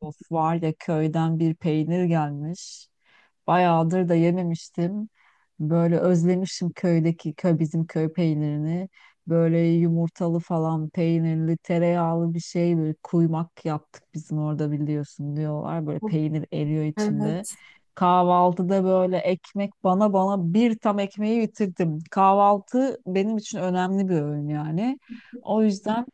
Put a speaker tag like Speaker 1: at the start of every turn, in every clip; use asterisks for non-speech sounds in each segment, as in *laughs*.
Speaker 1: Of var ya köyden bir peynir gelmiş. Bayağıdır da yememiştim. Böyle özlemişim köydeki köy bizim köy peynirini. Böyle yumurtalı falan peynirli tereyağlı bir şey böyle kuymak yaptık bizim orada biliyorsun diyorlar. Böyle peynir eriyor içinde.
Speaker 2: Evet.
Speaker 1: Kahvaltıda böyle ekmek bana bir tam ekmeği bitirdim. Kahvaltı benim için önemli bir öğün yani. O yüzden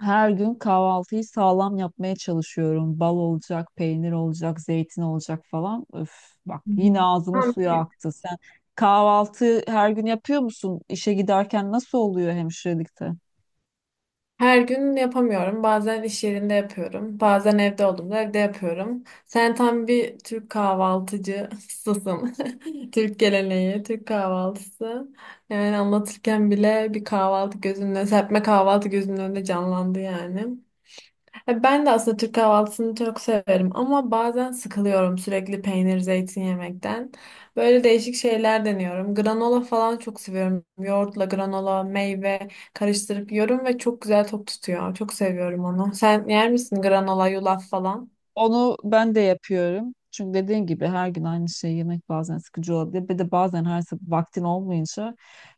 Speaker 1: her gün kahvaltıyı sağlam yapmaya çalışıyorum. Bal olacak, peynir olacak, zeytin olacak falan. Öf, bak
Speaker 2: Hı hı.
Speaker 1: yine ağzımın
Speaker 2: Ama
Speaker 1: suyu aktı. Sen kahvaltı her gün yapıyor musun? İşe giderken nasıl oluyor hemşirelikte?
Speaker 2: her gün yapamıyorum. Bazen iş yerinde yapıyorum. Bazen evde olduğumda evde yapıyorum. Sen tam bir Türk kahvaltıcısısın. *laughs* Türk geleneği, Türk kahvaltısı. Yani anlatırken bile bir kahvaltı gözünün önünde, serpme kahvaltı gözünün önünde canlandı yani. Ya ben de aslında Türk kahvaltısını çok severim ama bazen sıkılıyorum sürekli peynir, zeytin yemekten. Böyle değişik şeyler deniyorum. Granola falan çok seviyorum. Yoğurtla granola, meyve karıştırıp yiyorum ve çok güzel tok tutuyor. Çok seviyorum onu. Sen yer misin granola, yulaf falan?
Speaker 1: Onu ben de yapıyorum. Çünkü dediğin gibi her gün aynı şeyi yemek bazen sıkıcı olabilir. Bir de bazen her sabah vaktin olmayınca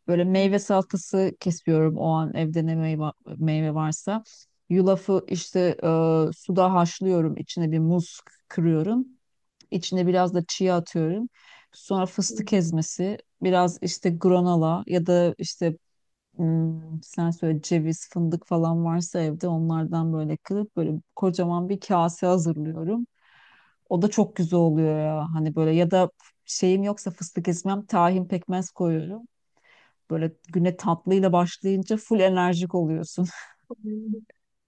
Speaker 1: böyle
Speaker 2: Hı
Speaker 1: meyve salatası kesiyorum o an evde ne meyve, meyve varsa. Yulafı işte suda haşlıyorum. İçine bir muz kırıyorum. İçine biraz da chia atıyorum. Sonra fıstık ezmesi, biraz işte granola ya da işte sen söyle ceviz, fındık falan varsa evde onlardan böyle kırıp böyle kocaman bir kase hazırlıyorum. O da çok güzel oluyor ya. Hani böyle ya da şeyim yoksa fıstık ezmem, tahin pekmez koyuyorum. Böyle güne tatlıyla başlayınca full enerjik oluyorsun. *laughs*
Speaker 2: hı.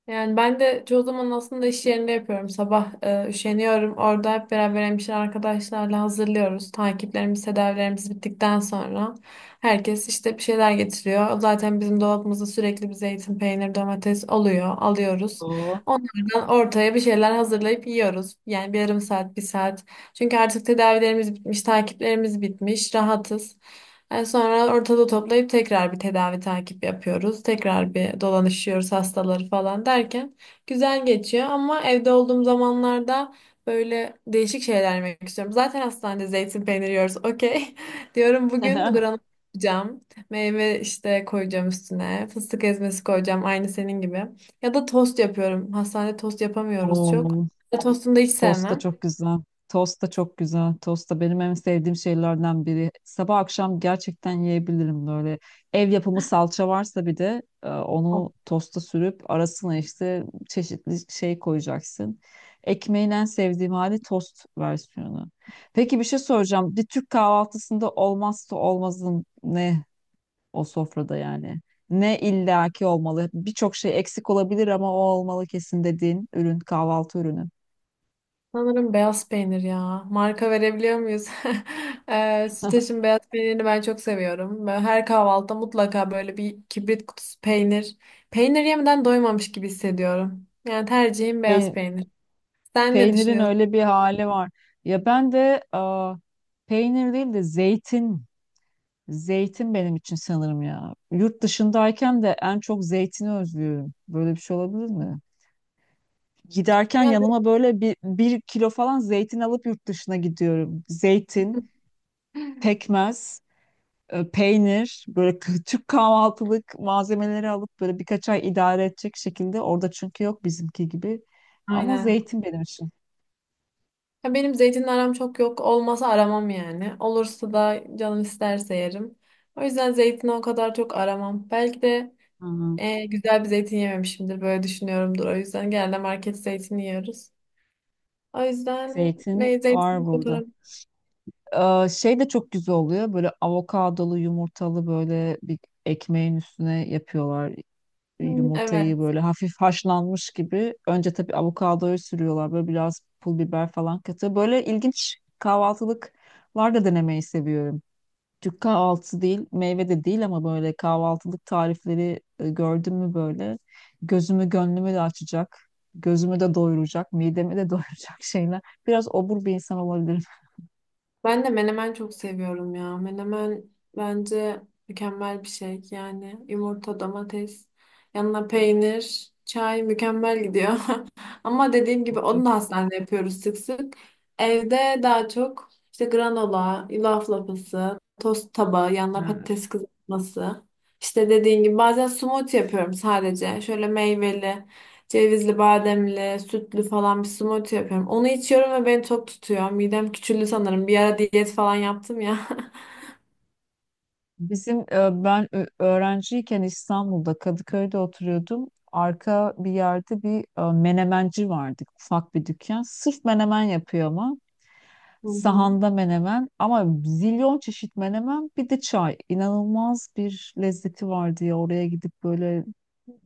Speaker 2: Yani ben de çoğu zaman aslında iş yerinde yapıyorum. Sabah üşeniyorum. Orada hep beraber hemşire arkadaşlarla hazırlıyoruz. Takiplerimiz, tedavilerimiz bittikten sonra herkes işte bir şeyler getiriyor. Zaten bizim dolabımızda sürekli bir zeytin, peynir, domates oluyor. Alıyoruz.
Speaker 1: Oo.
Speaker 2: Onlardan ortaya bir şeyler hazırlayıp yiyoruz. Yani bir yarım saat, bir saat. Çünkü artık tedavilerimiz bitmiş, takiplerimiz bitmiş. Rahatız. Sonra ortada toplayıp tekrar bir tedavi takip yapıyoruz. Tekrar bir dolanışıyoruz hastaları falan derken güzel geçiyor ama evde olduğum zamanlarda böyle değişik şeyler yemek istiyorum. Zaten hastanede zeytin peyniri yiyoruz. Okey. *laughs* Diyorum bugün
Speaker 1: *laughs*
Speaker 2: granola yapacağım. Meyve işte koyacağım üstüne. Fıstık ezmesi koyacağım aynı senin gibi. Ya da tost yapıyorum. Hastanede tost yapamıyoruz çok.
Speaker 1: Oo.
Speaker 2: Tostunu da hiç
Speaker 1: Tost da
Speaker 2: sevmem.
Speaker 1: çok güzel. Tost da çok güzel. Tost da benim en sevdiğim şeylerden biri. Sabah akşam gerçekten yiyebilirim böyle. Ev yapımı salça varsa bir de onu tosta sürüp arasına işte çeşitli şey koyacaksın. Ekmeğin en sevdiğim hali tost versiyonu. Peki bir şey soracağım. Bir Türk kahvaltısında olmazsa olmazın ne o sofrada yani? Ne illaki olmalı? Birçok şey eksik olabilir ama o olmalı kesin dediğin ürün, kahvaltı ürünü.
Speaker 2: Sanırım beyaz peynir ya. Marka verebiliyor muyuz? *laughs* Süteş'in beyaz peynirini ben çok seviyorum. Ben her kahvaltıda mutlaka böyle bir kibrit kutusu peynir. Peynir yemeden doymamış gibi hissediyorum. Yani tercihim beyaz
Speaker 1: Pey-
Speaker 2: peynir. Sen ne
Speaker 1: Peynirin
Speaker 2: düşünüyorsun?
Speaker 1: öyle bir hali var. Ya ben de peynir değil de zeytin. Zeytin benim için sanırım ya. Yurt dışındayken de en çok zeytini özlüyorum. Böyle bir şey olabilir mi? Giderken
Speaker 2: Yani,
Speaker 1: yanıma böyle bir kilo falan zeytin alıp yurt dışına gidiyorum. Zeytin,
Speaker 2: *laughs*
Speaker 1: pekmez, peynir, böyle Türk kahvaltılık malzemeleri alıp böyle birkaç ay idare edecek şekilde. Orada çünkü yok bizimki gibi. Ama
Speaker 2: aynen.
Speaker 1: zeytin benim için.
Speaker 2: Ya benim zeytinle aram çok yok. Olmasa aramam yani. Olursa da canım isterse yerim. O yüzden zeytini o kadar çok aramam. Belki de
Speaker 1: Hı hı.
Speaker 2: güzel bir zeytin yememişimdir. Böyle düşünüyorumdur. O yüzden genelde market zeytini yiyoruz. O yüzden
Speaker 1: Zeytin
Speaker 2: meyzesini
Speaker 1: var burada.
Speaker 2: fotoğraf.
Speaker 1: Şey de çok güzel oluyor. Böyle avokadolu yumurtalı böyle bir ekmeğin üstüne yapıyorlar.
Speaker 2: Hmm,
Speaker 1: Yumurtayı
Speaker 2: evet.
Speaker 1: böyle hafif haşlanmış gibi. Önce tabii avokadoyu sürüyorlar. Böyle biraz pul biber falan katıyor. Böyle ilginç kahvaltılıklar da denemeyi seviyorum. Türk kahvaltısı değil, meyve de değil ama böyle kahvaltılık tarifleri gördüm mü böyle gözümü gönlümü de açacak, gözümü de doyuracak, midemi de *laughs* doyuracak şeyler. Biraz obur bir insan olabilirim.
Speaker 2: Ben de menemen çok seviyorum ya. Menemen bence mükemmel bir şey. Yani yumurta, domates, yanına peynir, çay mükemmel gidiyor. *laughs* Ama dediğim gibi onu da hastanede yapıyoruz sık sık. Evde daha çok işte granola, yulaf lapası, tost tabağı, yanına patates kızartması. İşte dediğim gibi bazen smoothie yapıyorum sadece. Şöyle meyveli, cevizli, bademli, sütlü falan bir smoothie yapıyorum. Onu içiyorum ve beni tok tutuyor. Midem küçüldü sanırım. Bir ara diyet falan yaptım ya. *laughs*
Speaker 1: Bizim ben öğrenciyken İstanbul'da Kadıköy'de oturuyordum. Arka bir yerde bir menemenci vardı. Ufak bir dükkan. Sırf menemen yapıyor ama.
Speaker 2: Hı hı.
Speaker 1: Sahanda menemen ama zilyon çeşit menemen bir de çay. İnanılmaz bir lezzeti vardı ya. Oraya gidip böyle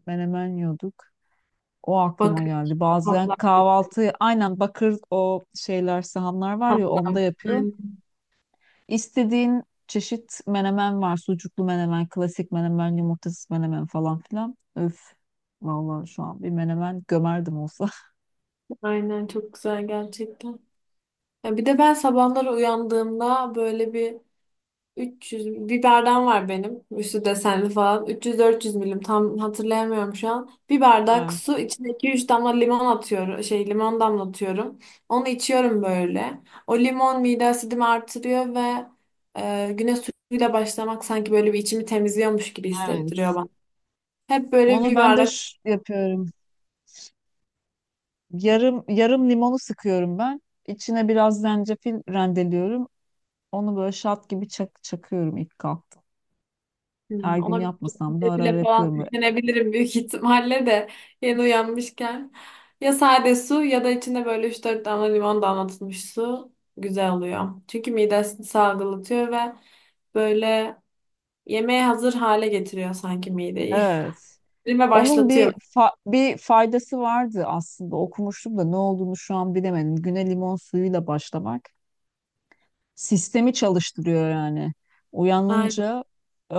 Speaker 1: menemen yiyorduk. O aklıma
Speaker 2: Bakın
Speaker 1: geldi. Bazen
Speaker 2: tatlar.
Speaker 1: kahvaltı aynen bakır o şeyler sahanlar var ya
Speaker 2: Tatlar.
Speaker 1: onda yapıyor.
Speaker 2: Aynen,
Speaker 1: İstediğin çeşit menemen var. Sucuklu menemen, klasik menemen, yumurtasız menemen falan filan. Öf. Vallahi şu an bir menemen gömerdim olsa. *laughs*
Speaker 2: aynen çok güzel gerçekten. Ya bir de ben sabahları uyandığımda böyle bir 300 bir bardağım var benim. Üstü desenli falan. 300-400 milim tam hatırlayamıyorum şu an. Bir bardak
Speaker 1: Evet.
Speaker 2: su içine 2-3 damla limon atıyorum. Şey limon damlatıyorum. Onu içiyorum böyle. O limon mide asidimi artırıyor ve güne suyla başlamak sanki böyle bir içimi temizliyormuş gibi hissettiriyor
Speaker 1: Evet.
Speaker 2: bana. Hep böyle
Speaker 1: Onu
Speaker 2: bir
Speaker 1: ben de
Speaker 2: bardak.
Speaker 1: yapıyorum. Yarım yarım limonu sıkıyorum ben. İçine biraz zencefil rendeliyorum. Onu böyle şat gibi çakıyorum ilk kalktım. Her gün
Speaker 2: Ona
Speaker 1: yapmasam da ara ara
Speaker 2: defile falan
Speaker 1: yapıyorum. Böyle
Speaker 2: yüklenebilirim büyük ihtimalle de yeni uyanmışken. Ya sade su ya da içinde böyle üç dört damla limon damlatılmış su güzel oluyor. Çünkü midesini salgılatıyor ve böyle yemeğe hazır hale getiriyor sanki mideyi.
Speaker 1: evet.
Speaker 2: *laughs* Erime
Speaker 1: Onun bir
Speaker 2: başlatıyor.
Speaker 1: bir faydası vardı aslında okumuştum da ne olduğunu şu an bilemedim. Güne limon suyuyla başlamak sistemi çalıştırıyor yani.
Speaker 2: Aynen.
Speaker 1: Uyanınca e,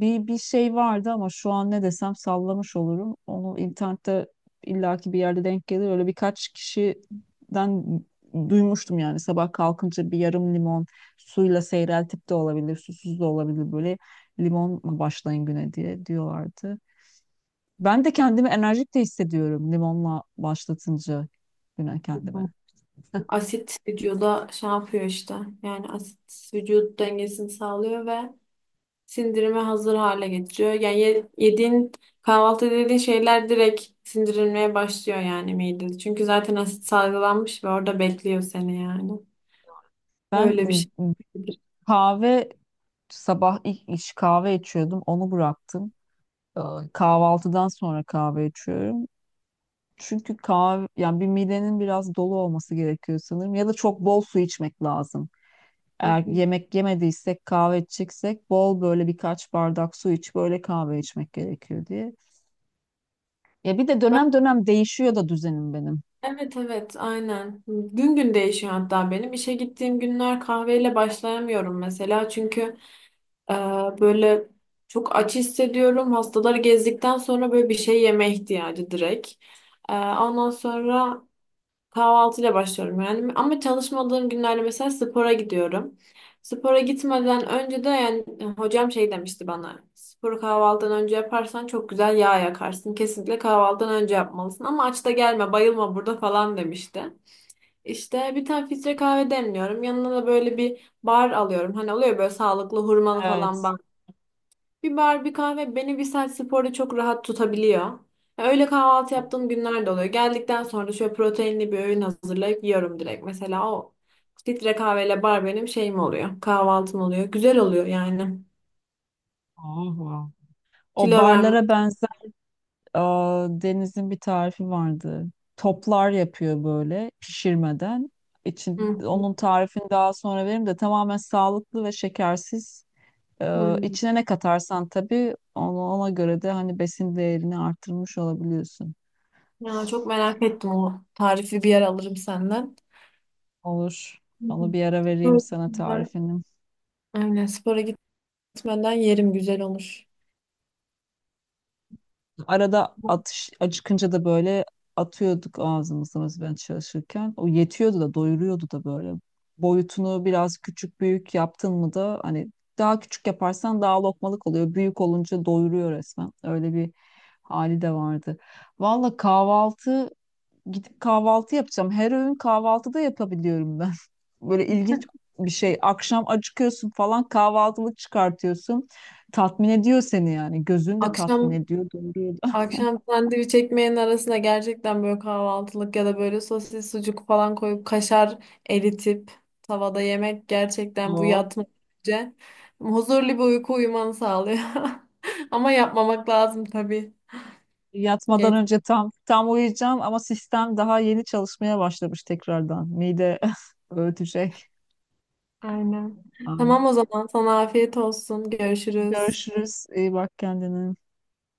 Speaker 1: bir şey vardı ama şu an ne desem sallamış olurum. Onu internette illaki bir yerde denk gelir. Öyle birkaç kişiden duymuştum yani sabah kalkınca bir yarım limon suyla seyreltip de olabilir, susuz da olabilir böyle limonla başlayın güne diye diyorlardı. Ben de kendimi enerjik de hissediyorum limonla başlatınca güne kendime. *laughs*
Speaker 2: Asit vücuda şey yapıyor işte. Yani asit vücut dengesini sağlıyor ve sindirime hazır hale getiriyor. Yani yediğin kahvaltı dediğin şeyler direkt sindirilmeye başlıyor yani midede. Çünkü zaten asit salgılanmış ve orada bekliyor seni yani.
Speaker 1: Ben
Speaker 2: Öyle bir şey.
Speaker 1: kahve sabah ilk iş kahve içiyordum. Onu bıraktım. Ee, Kahvaltıdan sonra kahve içiyorum. Çünkü kahve yani bir midenin biraz dolu olması gerekiyor sanırım ya da çok bol su içmek lazım.
Speaker 2: Hı
Speaker 1: Eğer
Speaker 2: hı.
Speaker 1: yemek yemediysek kahve içeceksek bol böyle birkaç bardak su iç böyle kahve içmek gerekiyor diye. Ya bir de dönem dönem değişiyor da düzenim benim.
Speaker 2: Evet evet aynen. Gün gün değişiyor hatta benim. İşe gittiğim günler kahveyle başlayamıyorum mesela. Çünkü e, böyle çok aç hissediyorum. Hastaları gezdikten sonra böyle bir şey yeme ihtiyacı direkt. Ondan sonra kahvaltıyla başlıyorum yani. Ama çalışmadığım günlerde mesela spora gidiyorum. Spora gitmeden önce de yani hocam şey demişti bana. Sporu kahvaltıdan önce yaparsan çok güzel yağ yakarsın. Kesinlikle kahvaltıdan önce yapmalısın. Ama aç da gelme, bayılma burada falan demişti. İşte bir tane filtre kahve demliyorum. Yanına da böyle bir bar alıyorum. Hani oluyor böyle sağlıklı hurmalı falan
Speaker 1: Evet.
Speaker 2: bir bar, bir kahve beni bir saat sporda çok rahat tutabiliyor. Ya öyle kahvaltı yaptığım günler de oluyor. Geldikten sonra da şöyle proteinli bir öğün hazırlayıp yiyorum direkt. Mesela o filtre kahveyle bar benim şeyim oluyor. Kahvaltım oluyor. Güzel oluyor yani.
Speaker 1: Oh, o
Speaker 2: Kilo verme.
Speaker 1: barlara benzer Deniz'in bir tarifi vardı. Toplar yapıyor böyle pişirmeden. İçin,
Speaker 2: Hı,
Speaker 1: onun tarifini daha sonra veririm de tamamen sağlıklı ve şekersiz.
Speaker 2: hı.
Speaker 1: İçine ne katarsan tabii ona, ona göre de hani besin değerini arttırmış olabiliyorsun.
Speaker 2: Ya çok merak ettim o tarifi bir yer alırım senden.
Speaker 1: Olur.
Speaker 2: Hı hı.
Speaker 1: Onu bir ara vereyim
Speaker 2: Böyle,
Speaker 1: sana
Speaker 2: ben-
Speaker 1: tarifini.
Speaker 2: aynen spora gitmeden yerim güzel olur.
Speaker 1: Arada atış acıkınca da böyle atıyorduk ağzımıza mesela ben çalışırken. O yetiyordu da doyuruyordu da böyle. Boyutunu biraz küçük büyük yaptın mı da hani daha küçük yaparsan daha lokmalık oluyor. Büyük olunca doyuruyor resmen. Öyle bir hali de vardı. Valla kahvaltı gidip kahvaltı yapacağım. Her öğün kahvaltıda yapabiliyorum ben. *laughs* Böyle ilginç bir şey. Akşam acıkıyorsun falan kahvaltılık çıkartıyorsun. Tatmin ediyor seni yani. Gözün de tatmin
Speaker 2: Akşam
Speaker 1: ediyor, doyuruyor.
Speaker 2: Akşam sandviç ekmeğin arasına gerçekten böyle kahvaltılık ya da böyle sosis sucuk falan koyup kaşar eritip tavada yemek gerçekten bu
Speaker 1: Oo.
Speaker 2: yatmadan önce huzurlu bir uyku uyumanı sağlıyor. *laughs* Ama yapmamak lazım tabii.
Speaker 1: Yatmadan
Speaker 2: Geç.
Speaker 1: önce tam uyuyacağım ama sistem daha yeni çalışmaya başlamış tekrardan. Mide *laughs* öğütecek.
Speaker 2: Aynen.
Speaker 1: Ay.
Speaker 2: Tamam o zaman sana afiyet olsun. Görüşürüz.
Speaker 1: Görüşürüz. İyi bak kendine.